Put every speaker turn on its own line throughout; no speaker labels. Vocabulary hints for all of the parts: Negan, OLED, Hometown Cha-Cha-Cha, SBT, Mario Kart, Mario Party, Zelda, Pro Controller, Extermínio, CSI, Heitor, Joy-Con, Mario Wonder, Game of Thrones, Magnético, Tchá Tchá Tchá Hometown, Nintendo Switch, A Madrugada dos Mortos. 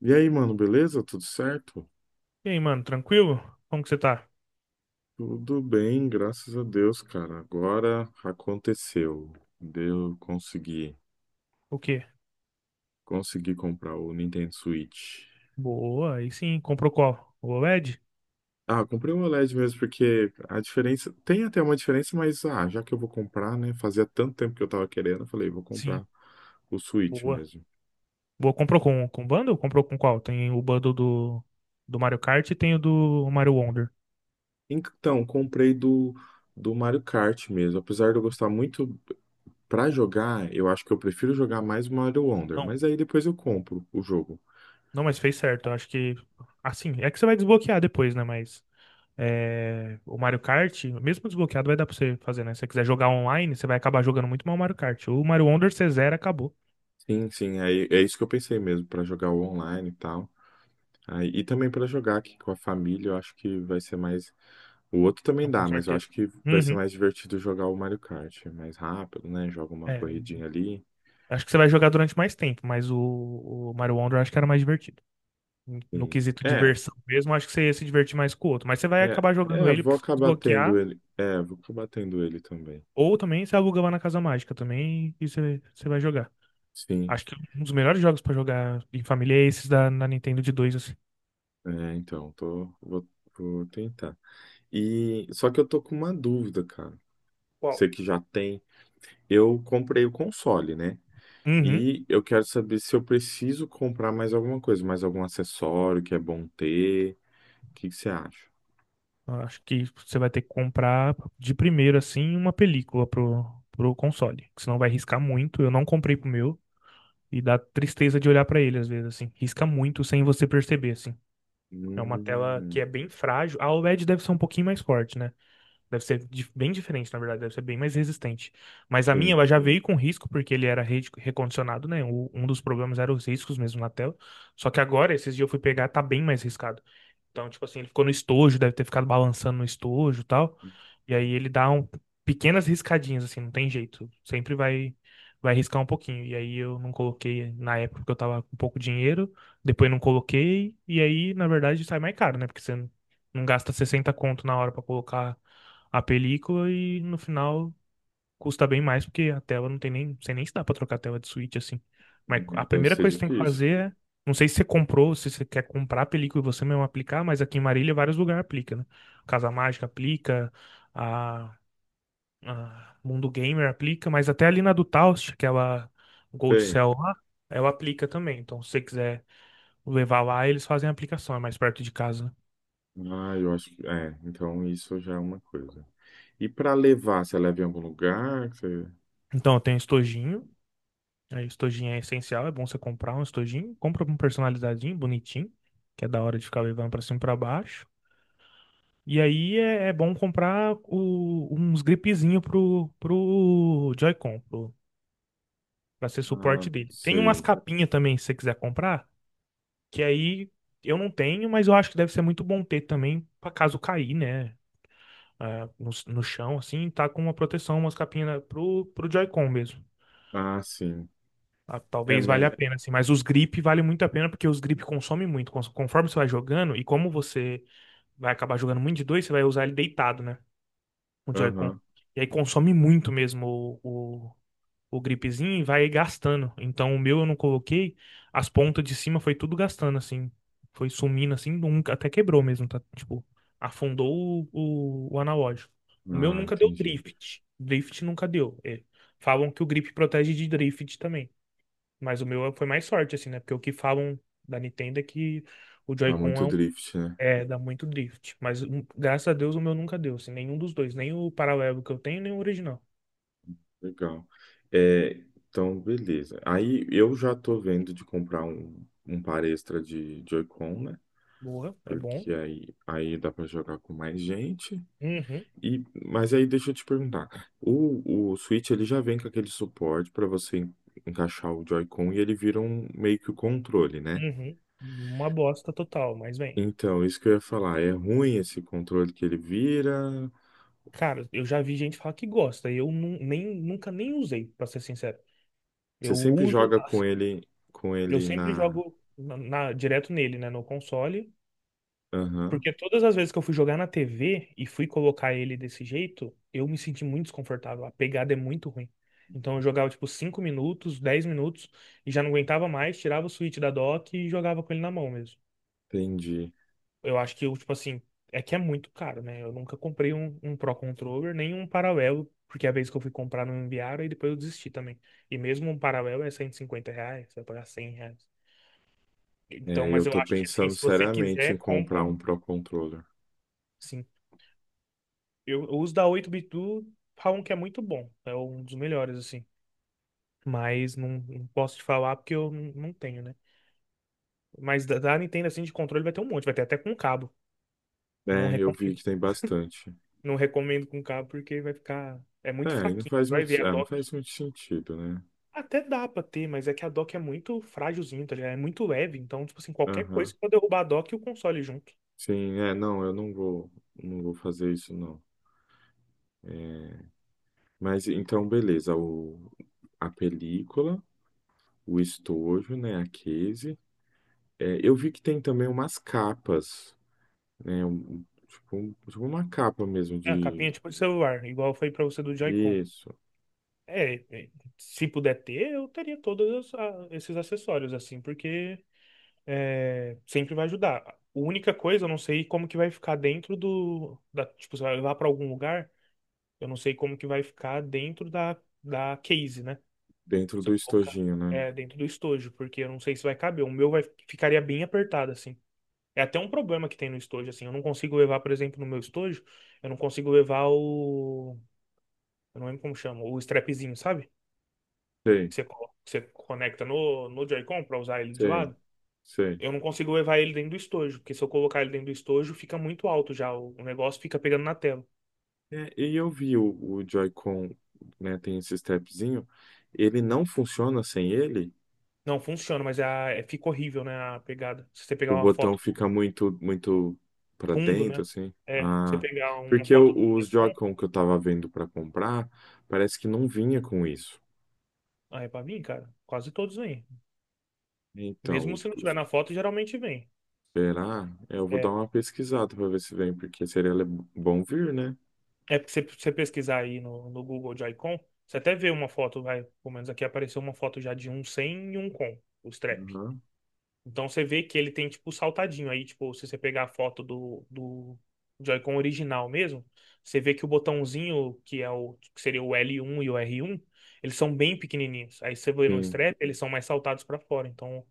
E aí, mano, beleza? Tudo certo?
E aí, mano, tranquilo? Como que você tá?
Tudo bem, graças a Deus, cara. Agora aconteceu. Deu, consegui.
O quê?
Consegui comprar o Nintendo Switch.
Boa, aí sim. Comprou qual? O OLED?
Ah, comprei um OLED mesmo, porque a diferença. Tem até uma diferença, mas já que eu vou comprar, né? Fazia tanto tempo que eu tava querendo, eu falei, vou
Sim.
comprar o Switch
Boa.
mesmo.
Boa, comprou com bundle? Comprou com qual? Tem o bundle do Mario Kart e tem o do Mario Wonder.
Então, do Mario Kart mesmo. Apesar de eu gostar muito pra jogar, eu acho que eu prefiro jogar mais o Mario Wonder.
Não,
Mas aí depois eu compro o jogo.
não, mas fez certo. Eu acho que. Assim, é que você vai desbloquear depois, né? Mas. É, o Mario Kart, mesmo desbloqueado, vai dar pra você fazer, né? Se você quiser jogar online, você vai acabar jogando muito mal o Mario Kart. O Mario Wonder, você zera, acabou.
Sim, sim, é isso que eu pensei mesmo, para jogar o online e tal. Aí, e também para jogar aqui com a família, eu acho que vai ser mais. O outro também
Não, com
dá, mas eu
certeza.
acho que vai ser
Uhum.
mais divertido jogar o Mario Kart. É mais rápido, né? Joga uma
É,
corridinha ali.
acho que você vai jogar durante mais tempo, mas o Mario Wonder acho que era mais divertido. No
Sim.
quesito diversão mesmo, acho que você ia se divertir mais com o outro. Mas você vai acabar jogando ele
Vou
porque você vai
acabar tendo
desbloquear,
ele. É, vou acabar tendo ele também.
ou também você aluga lá na Casa Mágica também e você vai jogar.
Sim,
Acho que um dos melhores jogos pra jogar em família é esses na Nintendo de dois. Assim.
é, então, vou tentar. E só que eu tô com uma dúvida, cara.
Qual?
Você que já tem. Eu comprei o console, né?
Uhum.
E eu quero saber se eu preciso comprar mais alguma coisa, mais algum acessório que é bom ter. O que que você acha?
Acho que você vai ter que comprar de primeiro, assim, uma película pro console. Que senão vai riscar muito. Eu não comprei pro meu. E dá tristeza de olhar pra ele, às vezes, assim. Risca muito sem você perceber, assim. É uma tela que
Hum,
é bem frágil. A OLED deve ser um pouquinho mais forte, né? Deve ser bem diferente, na verdade, deve ser bem mais resistente. Mas a minha,
sim,
ela já veio com risco, porque ele era recondicionado, né? Um dos problemas eram os riscos mesmo na tela. Só que agora, esses dias eu fui pegar, tá bem mais riscado. Então, tipo assim, ele ficou no estojo, deve ter ficado balançando no estojo e tal. E aí ele dá pequenas riscadinhas, assim, não tem jeito. Sempre vai riscar um pouquinho. E aí eu não coloquei na época porque eu tava com pouco dinheiro, depois não coloquei, e aí, na verdade, sai mais caro, né? Porque você não gasta 60 conto na hora pra colocar a película e no final custa bem mais porque a tela não tem nem, não sei nem se dá pra trocar a tela de Switch assim. Mas a
deve
primeira
ser
coisa que você tem que
difícil.
fazer é, não sei se você comprou, se você quer comprar a película e você mesmo aplicar, mas aqui em Marília vários lugares aplica, né? Casa Mágica aplica, a, a Mundo Gamer aplica, mas até ali na do Taust, aquela Gold
Tem.
Cell lá, ela aplica também. Então se você quiser levar lá, eles fazem a aplicação, é mais perto de casa.
Ah, eu acho que. É, então isso já é uma coisa. E para levar, você leva em algum lugar? Que você...
Então eu tenho estojinho. Aí, estojinho é essencial, é bom você comprar um estojinho. Compra um personalizadinho, bonitinho, que é da hora de ficar levando pra cima e pra baixo. E aí é bom comprar uns gripezinho pro Joy-Con, pro, pra ser suporte
Ah,
dele. Tem umas
sei.
capinhas também, se você quiser comprar, que aí eu não tenho, mas eu acho que deve ser muito bom ter também, pra caso cair, né? Ah, no chão, assim, tá com uma proteção, umas capinhas pro Joy-Con mesmo.
Ah, sim.
Ah,
É,
talvez
mas.
valha a pena, assim, mas os grip vale muito a pena porque os grip consomem muito. Conforme você vai jogando, e como você vai acabar jogando muito de dois, você vai usar ele deitado, né? O Joy-Con.
Aham.
E aí consome muito mesmo o, o gripzinho e vai gastando. Então o meu eu não coloquei, as pontas de cima foi tudo gastando, assim. Foi sumindo, assim, nunca, até quebrou mesmo, tá? Tipo, afundou o analógico. O meu
Ah,
nunca deu
entendi.
drift. Drift nunca deu. É, falam que o grip protege de drift também. Mas o meu foi mais sorte, assim, né? Porque o que falam da Nintendo é que o
Dá
Joy-Con é,
muito drift.
é, dá muito drift. Mas graças a Deus o meu nunca deu, assim, nenhum dos dois. Nem o paralelo que eu tenho, nem o original.
Legal. É, então, beleza. Aí eu já tô vendo de comprar um par extra de Joy-Con, né?
Boa, é bom.
Porque aí dá para jogar com mais gente.
Uhum,
E, mas aí deixa eu te perguntar. O Switch ele já vem com aquele suporte para você encaixar o Joy-Con e ele vira um meio que o controle, né?
uhum. Uma bosta total, mas bem.
Então, isso que eu ia falar, é ruim esse controle que ele vira.
Cara, eu já vi gente falar que gosta. E eu nem, nunca nem usei, pra ser sincero.
Você
Eu
sempre
uso,
joga com
eu
ele
sempre
na.
jogo direto nele, né? No console.
Aham,
Porque todas as vezes que eu fui jogar na TV e fui colocar ele desse jeito, eu me senti muito desconfortável. A pegada é muito ruim. Então eu jogava tipo 5 minutos, 10 minutos e já não aguentava mais, tirava o switch da dock e jogava com ele na mão mesmo.
entendi.
Eu acho que eu, tipo assim, é que é muito caro, né? Eu nunca comprei um Pro Controller, nem um Paralelo, porque a vez que eu fui comprar não me enviaram e depois eu desisti também. E mesmo um Paralelo é R$ 150, você vai pagar R$ 100.
É,
Então,
e
mas
eu
eu
tô
acho que assim,
pensando
se você
seriamente em
quiser, compra
comprar um
um.
Pro Controller.
Sim. Eu uso da oito bit do falam que é muito bom. É um dos melhores, assim. Mas não posso te falar porque eu não tenho, né? Mas da Nintendo, assim, de controle vai ter um monte. Vai ter até com cabo. Não
É, eu vi
recomendo.
que tem bastante.
Não recomendo com cabo porque vai ficar... É muito
É, e não
fraquinho. Você
faz
vai ver a
não
dock.
faz muito sentido, né?
Até dá pra ter, mas é que a dock é muito frágilzinho, tá ligado? É muito leve. Então, tipo assim, qualquer coisa,
Aham.
você pode derrubar a dock e o console junto.
Sim, é, não, eu não vou, não vou fazer isso, não. É, mas então, beleza, o, a película, o estojo, né, a case. É, eu vi que tem também umas capas, né, tipo uma capa mesmo
É, a capinha
de...
tipo de celular, igual foi pra você do Joy-Con.
Isso,
É, se puder ter, eu teria todos esses acessórios, assim, porque é, sempre vai ajudar. A única coisa, eu não sei como que vai ficar dentro da, tipo, você vai levar para algum lugar, eu não sei como que vai ficar dentro da case, né?
dentro
Você
do
colocar
estojinho, né?
é, dentro do estojo, porque eu não sei se vai caber. O meu vai, ficaria bem apertado, assim. É até um problema que tem no estojo, assim. Eu não consigo levar, por exemplo, no meu estojo, eu não consigo levar o, eu não lembro como chama, o strapzinho, sabe?
Sei,
Que você, que você conecta no Joy-Con para usar ele de
sei,
lado.
sei.
Eu não consigo levar ele dentro do estojo, porque se eu colocar ele dentro do estojo, fica muito alto já. O negócio fica pegando na tela.
É, e eu vi o Joy-Con, né, tem esse stepzinho, ele não funciona sem ele?
Não funciona, mas fica horrível, né? A pegada. Se você
O
pegar uma
botão
foto do
fica muito para
fundo,
dentro,
né?
assim?
É, se você
Ah,
pegar uma
porque
foto do
os
telefone,
Joy-Con que eu tava vendo para comprar, parece que não vinha com isso.
ah, é pra vir, cara. Quase todos vêm. Mesmo
Então,
se não tiver
os-
na foto, geralmente vem.
será? É, eu vou dar
É,
uma pesquisada para ver se vem, porque seria bom vir, né?
é porque se você pesquisar aí no Google de Icon, você até vê uma foto, vai. Pelo menos aqui apareceu uma foto já de um sem e um com, os trap.
Aham,
Então você vê que ele tem tipo o saltadinho. Aí, tipo, se você pegar a foto do Joy-Con original mesmo, você vê que o botãozinho, que é o que seria o L1 e o R1, eles são bem pequenininhos. Aí você vê no
sim.
strap, eles são mais saltados pra fora. Então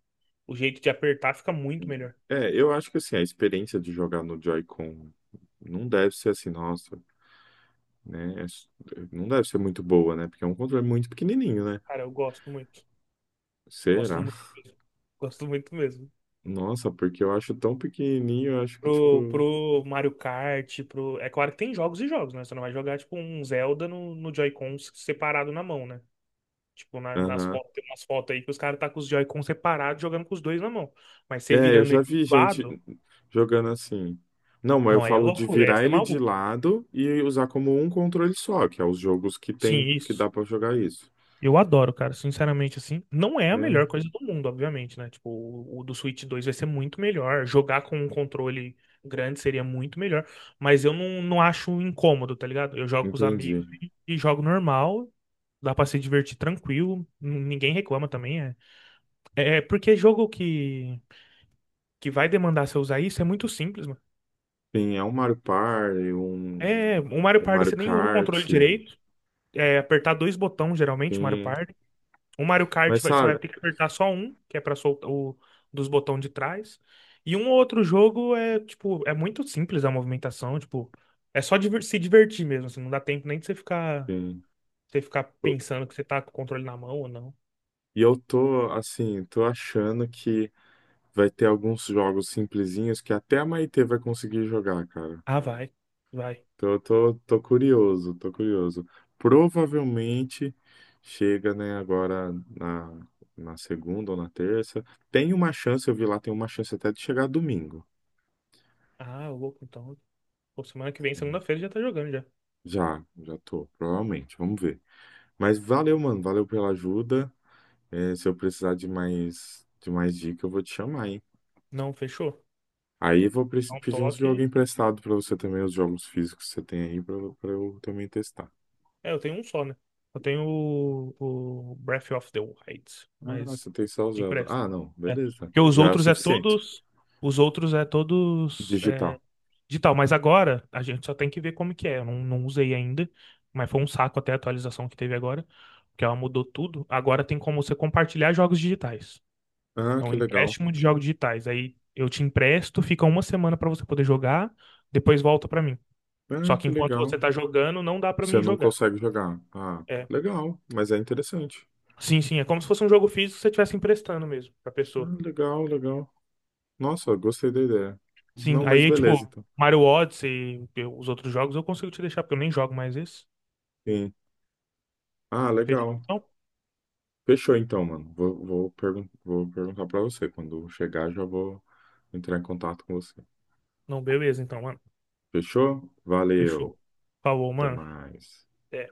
o jeito de apertar fica muito melhor.
Eu acho que assim, a experiência de jogar no Joy-Con não deve ser assim, nossa. Né? É, não deve ser muito boa, né? Porque é um controle muito pequenininho, né?
Cara, eu gosto muito. Gosto
Será?
muito mesmo. Gosto muito mesmo.
Nossa, porque eu acho tão pequenininho, eu acho que
Pro,
tipo.
pro Mario Kart, pro. É claro que tem jogos e jogos, né? Você não vai jogar, tipo, um Zelda no Joy-Con separado na mão, né? Tipo, nas
Aham.
fotos, tem umas fotos aí que os caras tá com os Joy-Con separados, jogando com os dois na mão. Mas você
É, eu
virando
já
ele
vi
de
gente
lado,
jogando assim. Não, mas eu
não é
falo de
loucura,
virar
essa é
ele de
maluco.
lado e usar como um controle só, que é os jogos que
Sim,
tem que dá
isso.
pra jogar isso.
Eu adoro, cara, sinceramente, assim. Não é a
É,
melhor coisa do mundo, obviamente, né? Tipo, o do Switch 2 vai ser muito melhor. Jogar com um controle grande seria muito melhor. Mas eu não acho incômodo, tá ligado? Eu jogo com os amigos
entendi.
e jogo normal. Dá pra se divertir tranquilo. Ninguém reclama também, é. É porque jogo que vai demandar você usar isso é muito simples, mano.
Sim, é um Mario Party, um,
É, o Mario
um
Party
Mario
você nem usa o controle
Kart,
direito. É apertar dois botões, geralmente, o Mario
sim.
Party. O Mario Kart
Mas
você
sabe,
vai ter que apertar só um, que é pra soltar o dos botões de trás. E um ou outro jogo é, tipo, é muito simples a movimentação, tipo, é só se divertir mesmo, assim, não dá tempo nem de você ficar,
sim,
você ficar
eu-
pensando que você tá com o controle na mão ou não.
e eu tô assim, tô achando que vai ter alguns jogos simplesinhos que até a Maitê vai conseguir jogar, cara.
Ah, vai. Vai.
Então eu tô, tô curioso, tô curioso. Provavelmente chega, né, na segunda ou na terça. Tem uma chance, eu vi lá, tem uma chance até de chegar domingo.
Ah, louco, então. Pô, semana que vem, segunda-feira, já tá jogando já.
Já, já tô, provavelmente, vamos ver. Mas valeu, mano, valeu pela ajuda. É, se eu precisar de mais dica, eu vou te chamar, hein?
Não, fechou.
Aí eu vou
Dá um
pedir uns jogos
toque.
emprestados pra você também, os jogos físicos que você tem aí, pra eu também testar.
É, eu tenho um só, né? Eu tenho o Breath of the Wild,
Ah, você
mas
tem só o
de
Zelda.
empréstimo.
Ah, não,
É.
beleza.
Porque os
Já é o
outros é
suficiente.
todos. Os outros é todos é,
Digital.
digital. Mas agora a gente só tem que ver como que é. Eu não usei ainda, mas foi um saco até a atualização que teve agora, porque ela mudou tudo. Agora tem como você compartilhar jogos digitais.
Ah,
Então,
que legal.
empréstimo de jogos digitais. Aí eu te empresto, fica uma semana pra você poder jogar, depois volta pra mim. Só
Ah,
que
que
enquanto você
legal.
tá jogando, não dá pra
Você
mim
não
jogar.
consegue jogar. Ah,
É,
legal, mas é interessante.
sim, sim, é como se fosse um jogo físico que você estivesse emprestando mesmo pra
Ah,
pessoa.
legal, legal. Nossa, gostei da ideia.
Sim,
Não, mas
aí,
beleza,
tipo,
então.
Mario Odyssey e os outros jogos eu consigo te deixar, porque eu nem jogo mais esse.
Sim. Ah,
Fechou?
legal.
Não,
Fechou então, mano. Vou, vou, pergun vou perguntar pra você. Quando chegar, já vou entrar em contato com você.
não, beleza, então, mano.
Fechou? Valeu.
Fechou. Falou,
Até
mano.
mais.
Até.